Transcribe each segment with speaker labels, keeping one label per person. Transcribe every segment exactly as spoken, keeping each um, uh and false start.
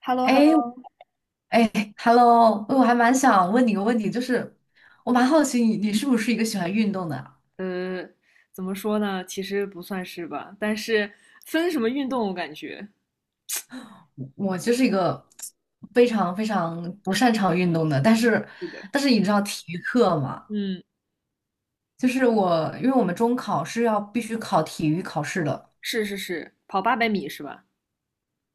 Speaker 1: h e l l o h e l l
Speaker 2: 哎
Speaker 1: o。
Speaker 2: 哎，Hello，我还蛮想问你个问题，就是我蛮好奇你你是不是一个喜欢运动的啊。
Speaker 1: 呃，怎么说呢？其实不算是吧，但是分什么运动，我感觉
Speaker 2: 我就是一个非常非常不擅长运动的，但是
Speaker 1: 是的。
Speaker 2: 但是你知道体育课嘛？
Speaker 1: 嗯，
Speaker 2: 就是我因为我们中考是要必须考体育考试的。
Speaker 1: 是是是，跑八百米是吧？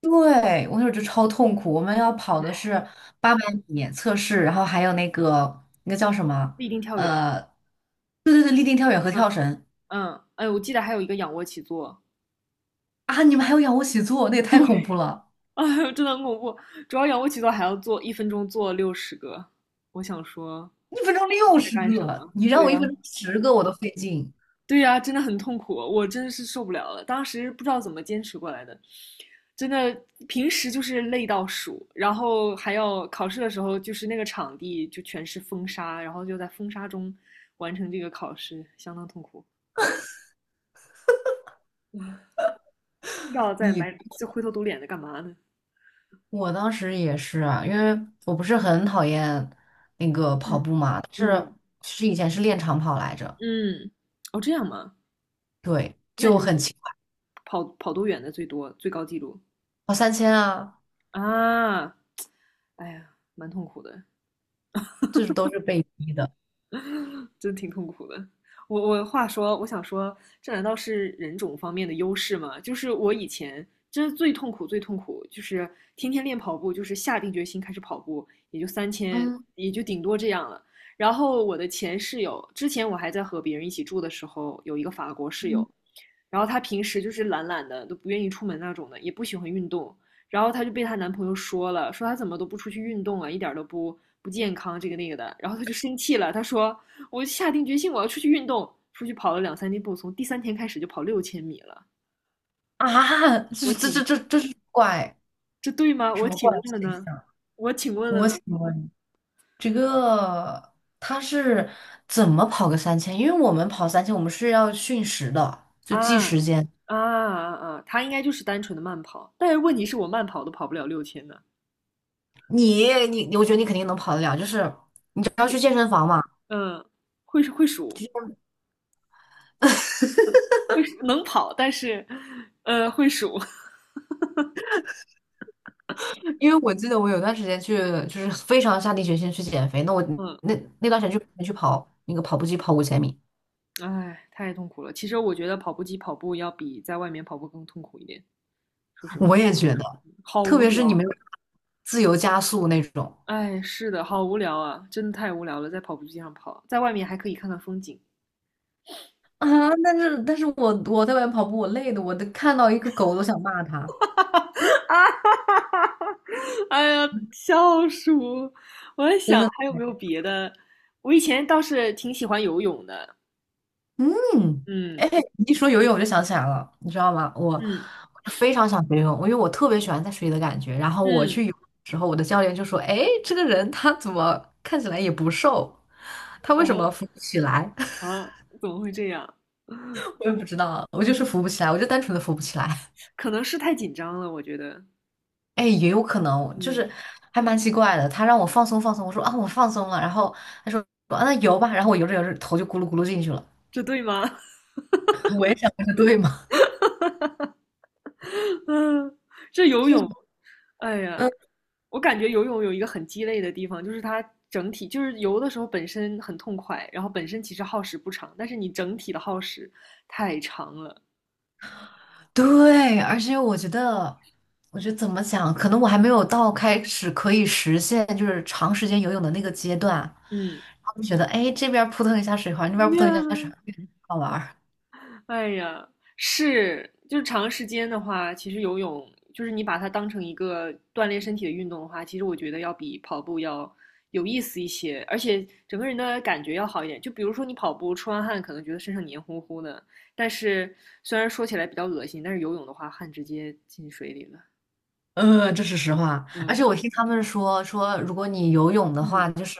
Speaker 2: 对，我那时候就超痛苦，我们要跑的是八百米测试，然后还有那个那个叫什么？
Speaker 1: 立定跳远。
Speaker 2: 呃，对对对，立定跳远和
Speaker 1: 嗯
Speaker 2: 跳绳。
Speaker 1: 嗯，哎，我记得还有一个仰卧起坐。
Speaker 2: 啊，你们还有仰卧起坐，那也
Speaker 1: 对，
Speaker 2: 太恐怖 了。
Speaker 1: 哎呦，真的很恐怖，主要仰卧起坐还要做一分钟做六十个，我想说
Speaker 2: 一分钟六
Speaker 1: 在
Speaker 2: 十
Speaker 1: 干什
Speaker 2: 个，
Speaker 1: 么？
Speaker 2: 你让
Speaker 1: 对
Speaker 2: 我一分
Speaker 1: 呀、
Speaker 2: 钟十个我都费劲。
Speaker 1: 对呀、啊真的很痛苦，我真的是受不了了。当时不知道怎么坚持过来的，真的平时就是累到数，然后还要考试的时候，就是那个场地就全是风沙，然后就在风沙中完成这个考试，相当痛苦。不知道在
Speaker 2: 你
Speaker 1: 埋就灰头土脸的干嘛呢？
Speaker 2: 我当时也是啊，因为我不是很讨厌那个跑
Speaker 1: 嗯
Speaker 2: 步嘛，但是
Speaker 1: 嗯
Speaker 2: 是以前是练长跑来着。
Speaker 1: 嗯，哦这样吗？
Speaker 2: 对，
Speaker 1: 那你
Speaker 2: 就
Speaker 1: 们
Speaker 2: 很奇怪，
Speaker 1: 跑跑多远的最多最高记录
Speaker 2: 跑三千啊，
Speaker 1: 啊？哎呀，蛮痛苦的。
Speaker 2: 就是都是被逼的。
Speaker 1: 真挺痛苦的。我我话说，我想说，这难道是人种方面的优势吗？就是我以前真是最痛苦、最痛苦，就是天天练跑步，就是下定决心开始跑步，也就三千，
Speaker 2: 嗯
Speaker 1: 也就顶多这样了。然后我的前室友，之前我还在和别人一起住的时候，有一个法国室友，
Speaker 2: 嗯，
Speaker 1: 然后他平时就是懒懒的，都不愿意出门那种的，也不喜欢运动。然后她就被她男朋友说了，说她怎么都不出去运动啊，一点都不不健康，这个那个的。然后她就生气了，她说：“我下定决心我要出去运动，出去跑了两三天步，从第三天开始就跑六千米了。”
Speaker 2: 啊，
Speaker 1: 我
Speaker 2: 这这
Speaker 1: 请，
Speaker 2: 这这这是怪
Speaker 1: 这对吗？
Speaker 2: 什
Speaker 1: 我
Speaker 2: 么
Speaker 1: 请
Speaker 2: 怪
Speaker 1: 问了
Speaker 2: 现
Speaker 1: 呢？
Speaker 2: 象？
Speaker 1: 我请问了
Speaker 2: 我
Speaker 1: 呢？
Speaker 2: 请问这个他是怎么跑个三千？因为我们跑三千，我们是要训时的，就计
Speaker 1: 啊啊
Speaker 2: 时间。
Speaker 1: 啊啊！她应该就是单纯的慢跑，但是问题是我慢跑都跑不了六千呢。
Speaker 2: 你你，我觉得你肯定能跑得了，就是你只要去
Speaker 1: 会
Speaker 2: 健身房嘛。
Speaker 1: 嗯，会会数，会能跑，但是呃会数，
Speaker 2: 因为我记得我有段时间去，就是非常下定决心去减肥，那我
Speaker 1: 嗯。
Speaker 2: 那那段时间去去跑那个跑步机跑五千米。
Speaker 1: 哎，太痛苦了。其实我觉得跑步机跑步要比在外面跑步更痛苦一点，说实
Speaker 2: 我
Speaker 1: 话，
Speaker 2: 也觉得，
Speaker 1: 好
Speaker 2: 特
Speaker 1: 无
Speaker 2: 别是你们
Speaker 1: 聊。
Speaker 2: 自由加速那种。
Speaker 1: 哎，是的，好无聊啊，真的太无聊了，在跑步机上跑，在外面还可以看看风景。
Speaker 2: 啊，但是但是我我在外面跑步，我累的，我都看到一个狗都想骂它。
Speaker 1: 啊哈哈哈，哎呀，笑死我我在
Speaker 2: 真
Speaker 1: 想还
Speaker 2: 的。
Speaker 1: 有没有别的。我以前倒是挺喜欢游泳的。
Speaker 2: 嗯，
Speaker 1: 嗯
Speaker 2: 哎，你一说游泳我就想起来了，你知道吗？我我
Speaker 1: 嗯
Speaker 2: 非常想学游泳，因为我特别喜欢在水里的感觉。然后我去
Speaker 1: 嗯，
Speaker 2: 游泳的时候，我的教练就说：“哎，这个人他怎么看起来也不瘦，他为什么
Speaker 1: 啊
Speaker 2: 浮不起来？”
Speaker 1: 啊，怎么会这样？
Speaker 2: 我也不知道，我就是浮不起来，我就单纯的浮不起来。
Speaker 1: 可能是太紧张了，我觉得。
Speaker 2: 哎，也有可能就
Speaker 1: 嗯，
Speaker 2: 是还蛮奇怪的。他让我放松放松，我说啊我放松了，然后他说啊那游吧，然后我游着游着头就咕噜咕噜进去了。
Speaker 1: 这对吗？
Speaker 2: 我也想这对吗？
Speaker 1: 嗯，这 游
Speaker 2: 就
Speaker 1: 泳，哎呀，
Speaker 2: 嗯。
Speaker 1: 我感觉游泳有一个很鸡肋的地方，就是它整体就是游的时候本身很痛快，然后本身其实耗时不长，但是你整体的耗时太长了。
Speaker 2: 对，而且我觉得，我觉得怎么讲，可能我还没有到开始可以实现就是长时间游泳的那个阶段，然
Speaker 1: 嗯，
Speaker 2: 后就觉得，哎，这边儿扑腾一下水花，那边儿扑腾一下水花，好玩儿。
Speaker 1: 哎呀，是，就是长时间的话，其实游泳就是你把它当成一个锻炼身体的运动的话，其实我觉得要比跑步要有意思一些，而且整个人的感觉要好一点。就比如说你跑步出完汗，可能觉得身上黏糊糊的，但是虽然说起来比较恶心，但是游泳的话，汗直接进水里了。
Speaker 2: 嗯，这是实话。而
Speaker 1: 嗯，
Speaker 2: 且我听他们说，说如果你游泳的
Speaker 1: 嗯
Speaker 2: 话，就是，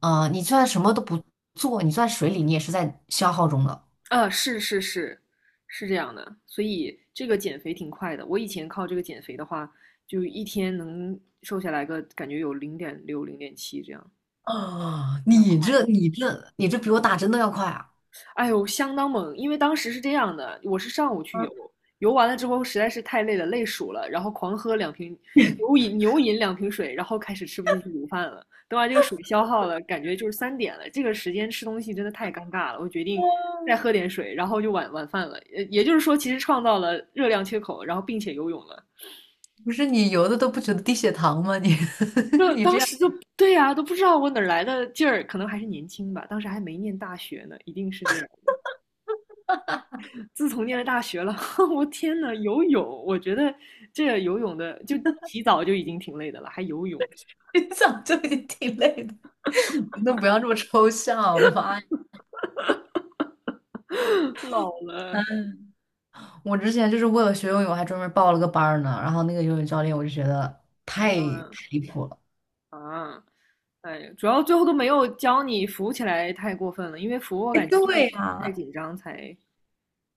Speaker 2: 呃，你就算什么都不做，你就在水里，你也是在消耗中的。
Speaker 1: 啊，是是是，是这样的，所以这个减肥挺快的。我以前靠这个减肥的话，就一天能瘦下来个感觉有零点六、零点七这样，
Speaker 2: 啊，
Speaker 1: 蛮
Speaker 2: 你
Speaker 1: 快
Speaker 2: 这你这你这比我打针都要快啊！
Speaker 1: 哎呦，相当猛！因为当时是这样的，我是上午去游，游完了之后实在是太累了，累鼠了，然后狂喝两瓶牛饮牛饮两瓶水，然后开始吃不进去午饭了。等把这个水消耗了，感觉就是三点了，这个时间吃东西真的太尴尬了。我决定再喝点水，然后就晚晚饭了。也也就是说，其实创造了热量缺口，然后并且游泳了。
Speaker 2: 不是你游的都不觉得低血糖吗？你
Speaker 1: 就
Speaker 2: 你
Speaker 1: 当
Speaker 2: 这样。
Speaker 1: 时就对呀、都不知道我哪儿来的劲儿，可能还是年轻吧，当时还没念大学呢，一定是这样。自从念了大学了，我天呐，游泳，我觉得这游泳的就洗澡就已经挺累的了，还游泳，
Speaker 2: 你早就已经挺累的，你都不要这么抽象，我的妈呀！
Speaker 1: 老了。
Speaker 2: 我之前就是为了学游泳，还专门报了个班儿呢。然后那个游泳教练，我就觉得太
Speaker 1: 嗯
Speaker 2: 太离谱了。
Speaker 1: 啊，哎主要最后都没有教你浮起来，太过分了，因为浮我
Speaker 2: 哎，
Speaker 1: 感觉就是
Speaker 2: 对
Speaker 1: 太
Speaker 2: 呀、
Speaker 1: 紧张才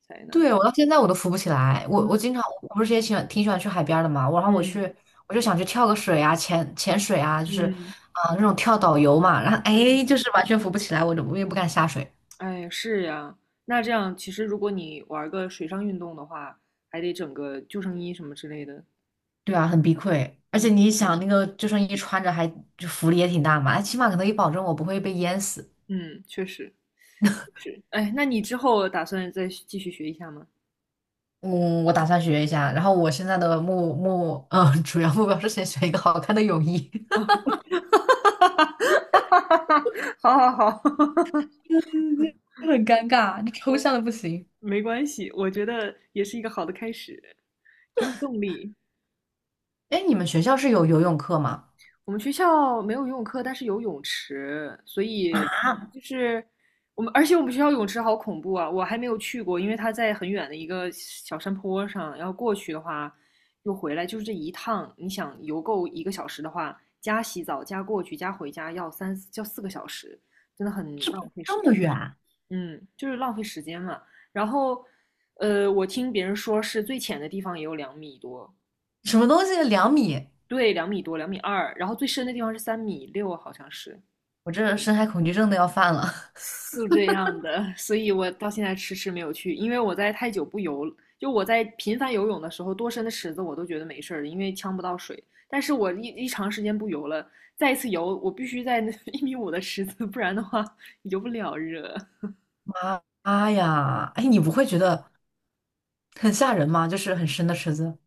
Speaker 1: 才那个。
Speaker 2: 对，我到现在我都浮不起来。我我
Speaker 1: 嗯
Speaker 2: 经常，我不是也喜欢挺喜欢去海边儿的嘛。我然后我去，
Speaker 1: 嗯
Speaker 2: 我就想去跳个水啊，潜潜水啊，就是
Speaker 1: 嗯
Speaker 2: 啊、那种跳导游嘛。然后
Speaker 1: 嗯，
Speaker 2: 哎，就是完全浮不起来，我就我也不敢下水。
Speaker 1: 哎，是呀，那这样其实如果你玩个水上运动的话，还得整个救生衣什么之类的。
Speaker 2: 对啊，很避愧，而且
Speaker 1: 嗯
Speaker 2: 你想那个救生衣穿着还就浮力也挺大嘛，它起码可能也保证我不会被淹死。
Speaker 1: 嗯，确实。是，哎，那你之后打算再继续学一下吗？
Speaker 2: 嗯，我打算学一下，然后我现在的目目嗯主要目标是先学一个好看的泳衣。
Speaker 1: 好好好。
Speaker 2: 嗯。很尴尬，你抽象的不行。
Speaker 1: 没关系，我觉得也是一个好的开始，给你动力。
Speaker 2: 哎，你们学校是有游泳课吗？
Speaker 1: 我们学校没有游泳课，但是有泳池，所以
Speaker 2: 啊，
Speaker 1: 就是我们，而且我们学校泳池好恐怖啊！我还没有去过，因为它在很远的一个小山坡上，要过去的话又回来，就是这一趟，你想游够一个小时的话，加洗澡、加过去、加回家要三要四个小时，真的很浪费时
Speaker 2: 这
Speaker 1: 间。
Speaker 2: 么远，
Speaker 1: 嗯，就是浪费时间嘛。然后，呃，我听别人说是最浅的地方也有两米多。
Speaker 2: 什么东西？两米？
Speaker 1: 对，两米多，两米二，然后最深的地方是三米六，好像是。
Speaker 2: 我这深海恐惧症都要犯了。
Speaker 1: 是这样的，所以我到现在迟迟没有去，因为我在太久不游，就我在频繁游泳的时候，多深的池子我都觉得没事儿因为呛不到水。但是我一一长时间不游了，再一次游，我必须在 一米五的池子，不然的话游不了热。
Speaker 2: 妈妈呀，哎，你不会觉得很吓人吗？就是很深的池子。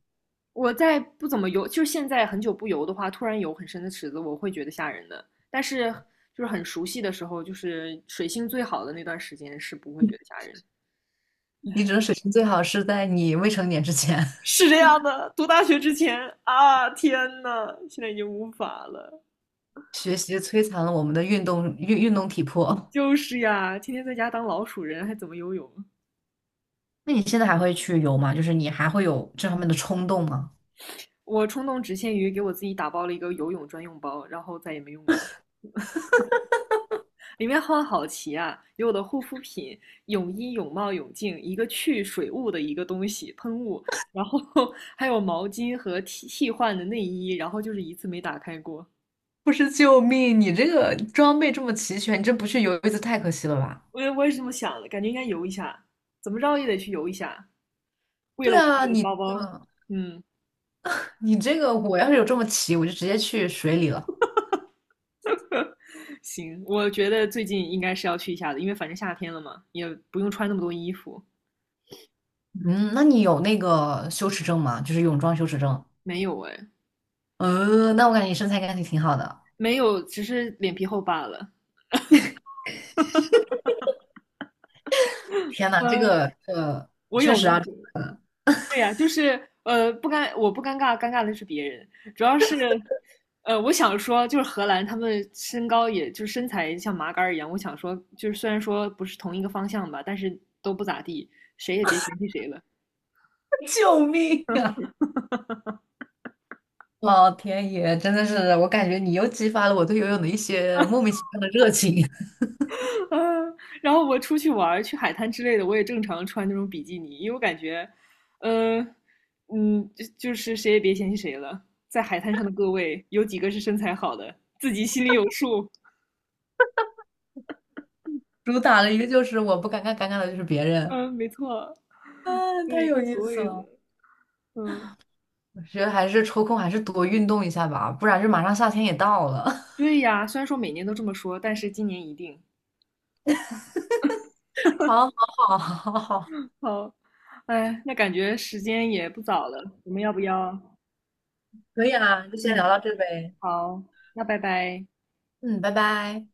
Speaker 1: 我再不怎么游，就是现在很久不游的话，突然游很深的池子，我会觉得吓人的。但是就是很熟悉的时候，就是水性最好的那段时间，是不会觉得吓人的。
Speaker 2: 你只能水性最好是在你未成年之前。
Speaker 1: 是这样的，读大学之前啊，天呐，现在已经无法了。
Speaker 2: 学习摧残了我们的运动运运动体魄。
Speaker 1: 就是呀，天天在家当老鼠人，还怎么游泳？
Speaker 2: 那你现在还会去游吗？就是你还会有这方面的冲动吗？
Speaker 1: 我冲动只限于给我自己打包了一个游泳专用包，然后再也没用过。里面好好奇啊，有我的护肤品、泳衣、泳帽、泳镜，一个去水雾的一个东西喷雾，然后 还有毛巾和替替换的内衣，然后就是一次没打开过。
Speaker 2: 不是，救命！你这个装备这么齐全，你这不去游一次太可惜了吧？
Speaker 1: 我也我也是这么想的，感觉应该游一下，怎么着也得去游一下。为了
Speaker 2: 对
Speaker 1: 我这
Speaker 2: 啊，
Speaker 1: 个
Speaker 2: 你
Speaker 1: 包
Speaker 2: 这
Speaker 1: 包，
Speaker 2: 个
Speaker 1: 嗯，
Speaker 2: 你这个，我要是有这么齐，我就直接去水里了。
Speaker 1: 行，我觉得最近应该是要去一下的，因为反正夏天了嘛，也不用穿那么多衣服。
Speaker 2: 嗯，那你有那个羞耻症吗？就是泳装羞耻症。
Speaker 1: 没有哎，
Speaker 2: 呃，那我感觉你身材应该挺挺好的。
Speaker 1: 没有，只是脸皮厚罢了。
Speaker 2: 天呐，这
Speaker 1: 呃，
Speaker 2: 个呃，
Speaker 1: 我
Speaker 2: 确
Speaker 1: 有
Speaker 2: 实
Speaker 1: 呢。
Speaker 2: 啊，
Speaker 1: 对呀、就是呃，不尴，我不尴尬，尴尬的是别人，主要是。呃，我想说，就是荷兰，他们身高也就是身材像麻杆儿一样。我想说，就是虽然说不是同一个方向吧，但是都不咋地，谁也别嫌弃谁了。
Speaker 2: 救命啊！老天爷，真的是，我感觉你又激发了我对游泳的一些莫名其妙的热情。
Speaker 1: 嗯，啊然后我出去玩去海滩之类的，我也正常穿那种比基尼，因为我感觉，嗯，嗯，就就是谁也别嫌弃谁了，在海滩上的各位，有几个是身材好的，自己心里有数。
Speaker 2: 主打了一个就是我不尴尬，尴尬的就是别人。
Speaker 1: 嗯，没错，
Speaker 2: 啊，太
Speaker 1: 对，
Speaker 2: 有
Speaker 1: 无
Speaker 2: 意
Speaker 1: 所
Speaker 2: 思
Speaker 1: 谓的。
Speaker 2: 了！
Speaker 1: 嗯，
Speaker 2: 我觉得还是抽空还是多运动一下吧，不然就马上夏天也到了。
Speaker 1: 对呀，虽然说每年都这么说，但是今年一定
Speaker 2: 好，好，好，好，好，
Speaker 1: 好。哎，那感觉时间也不早了，我们要不要？
Speaker 2: 可以啊，就先聊
Speaker 1: 嗯，
Speaker 2: 到这呗。
Speaker 1: 好，那拜拜。
Speaker 2: 嗯，拜拜。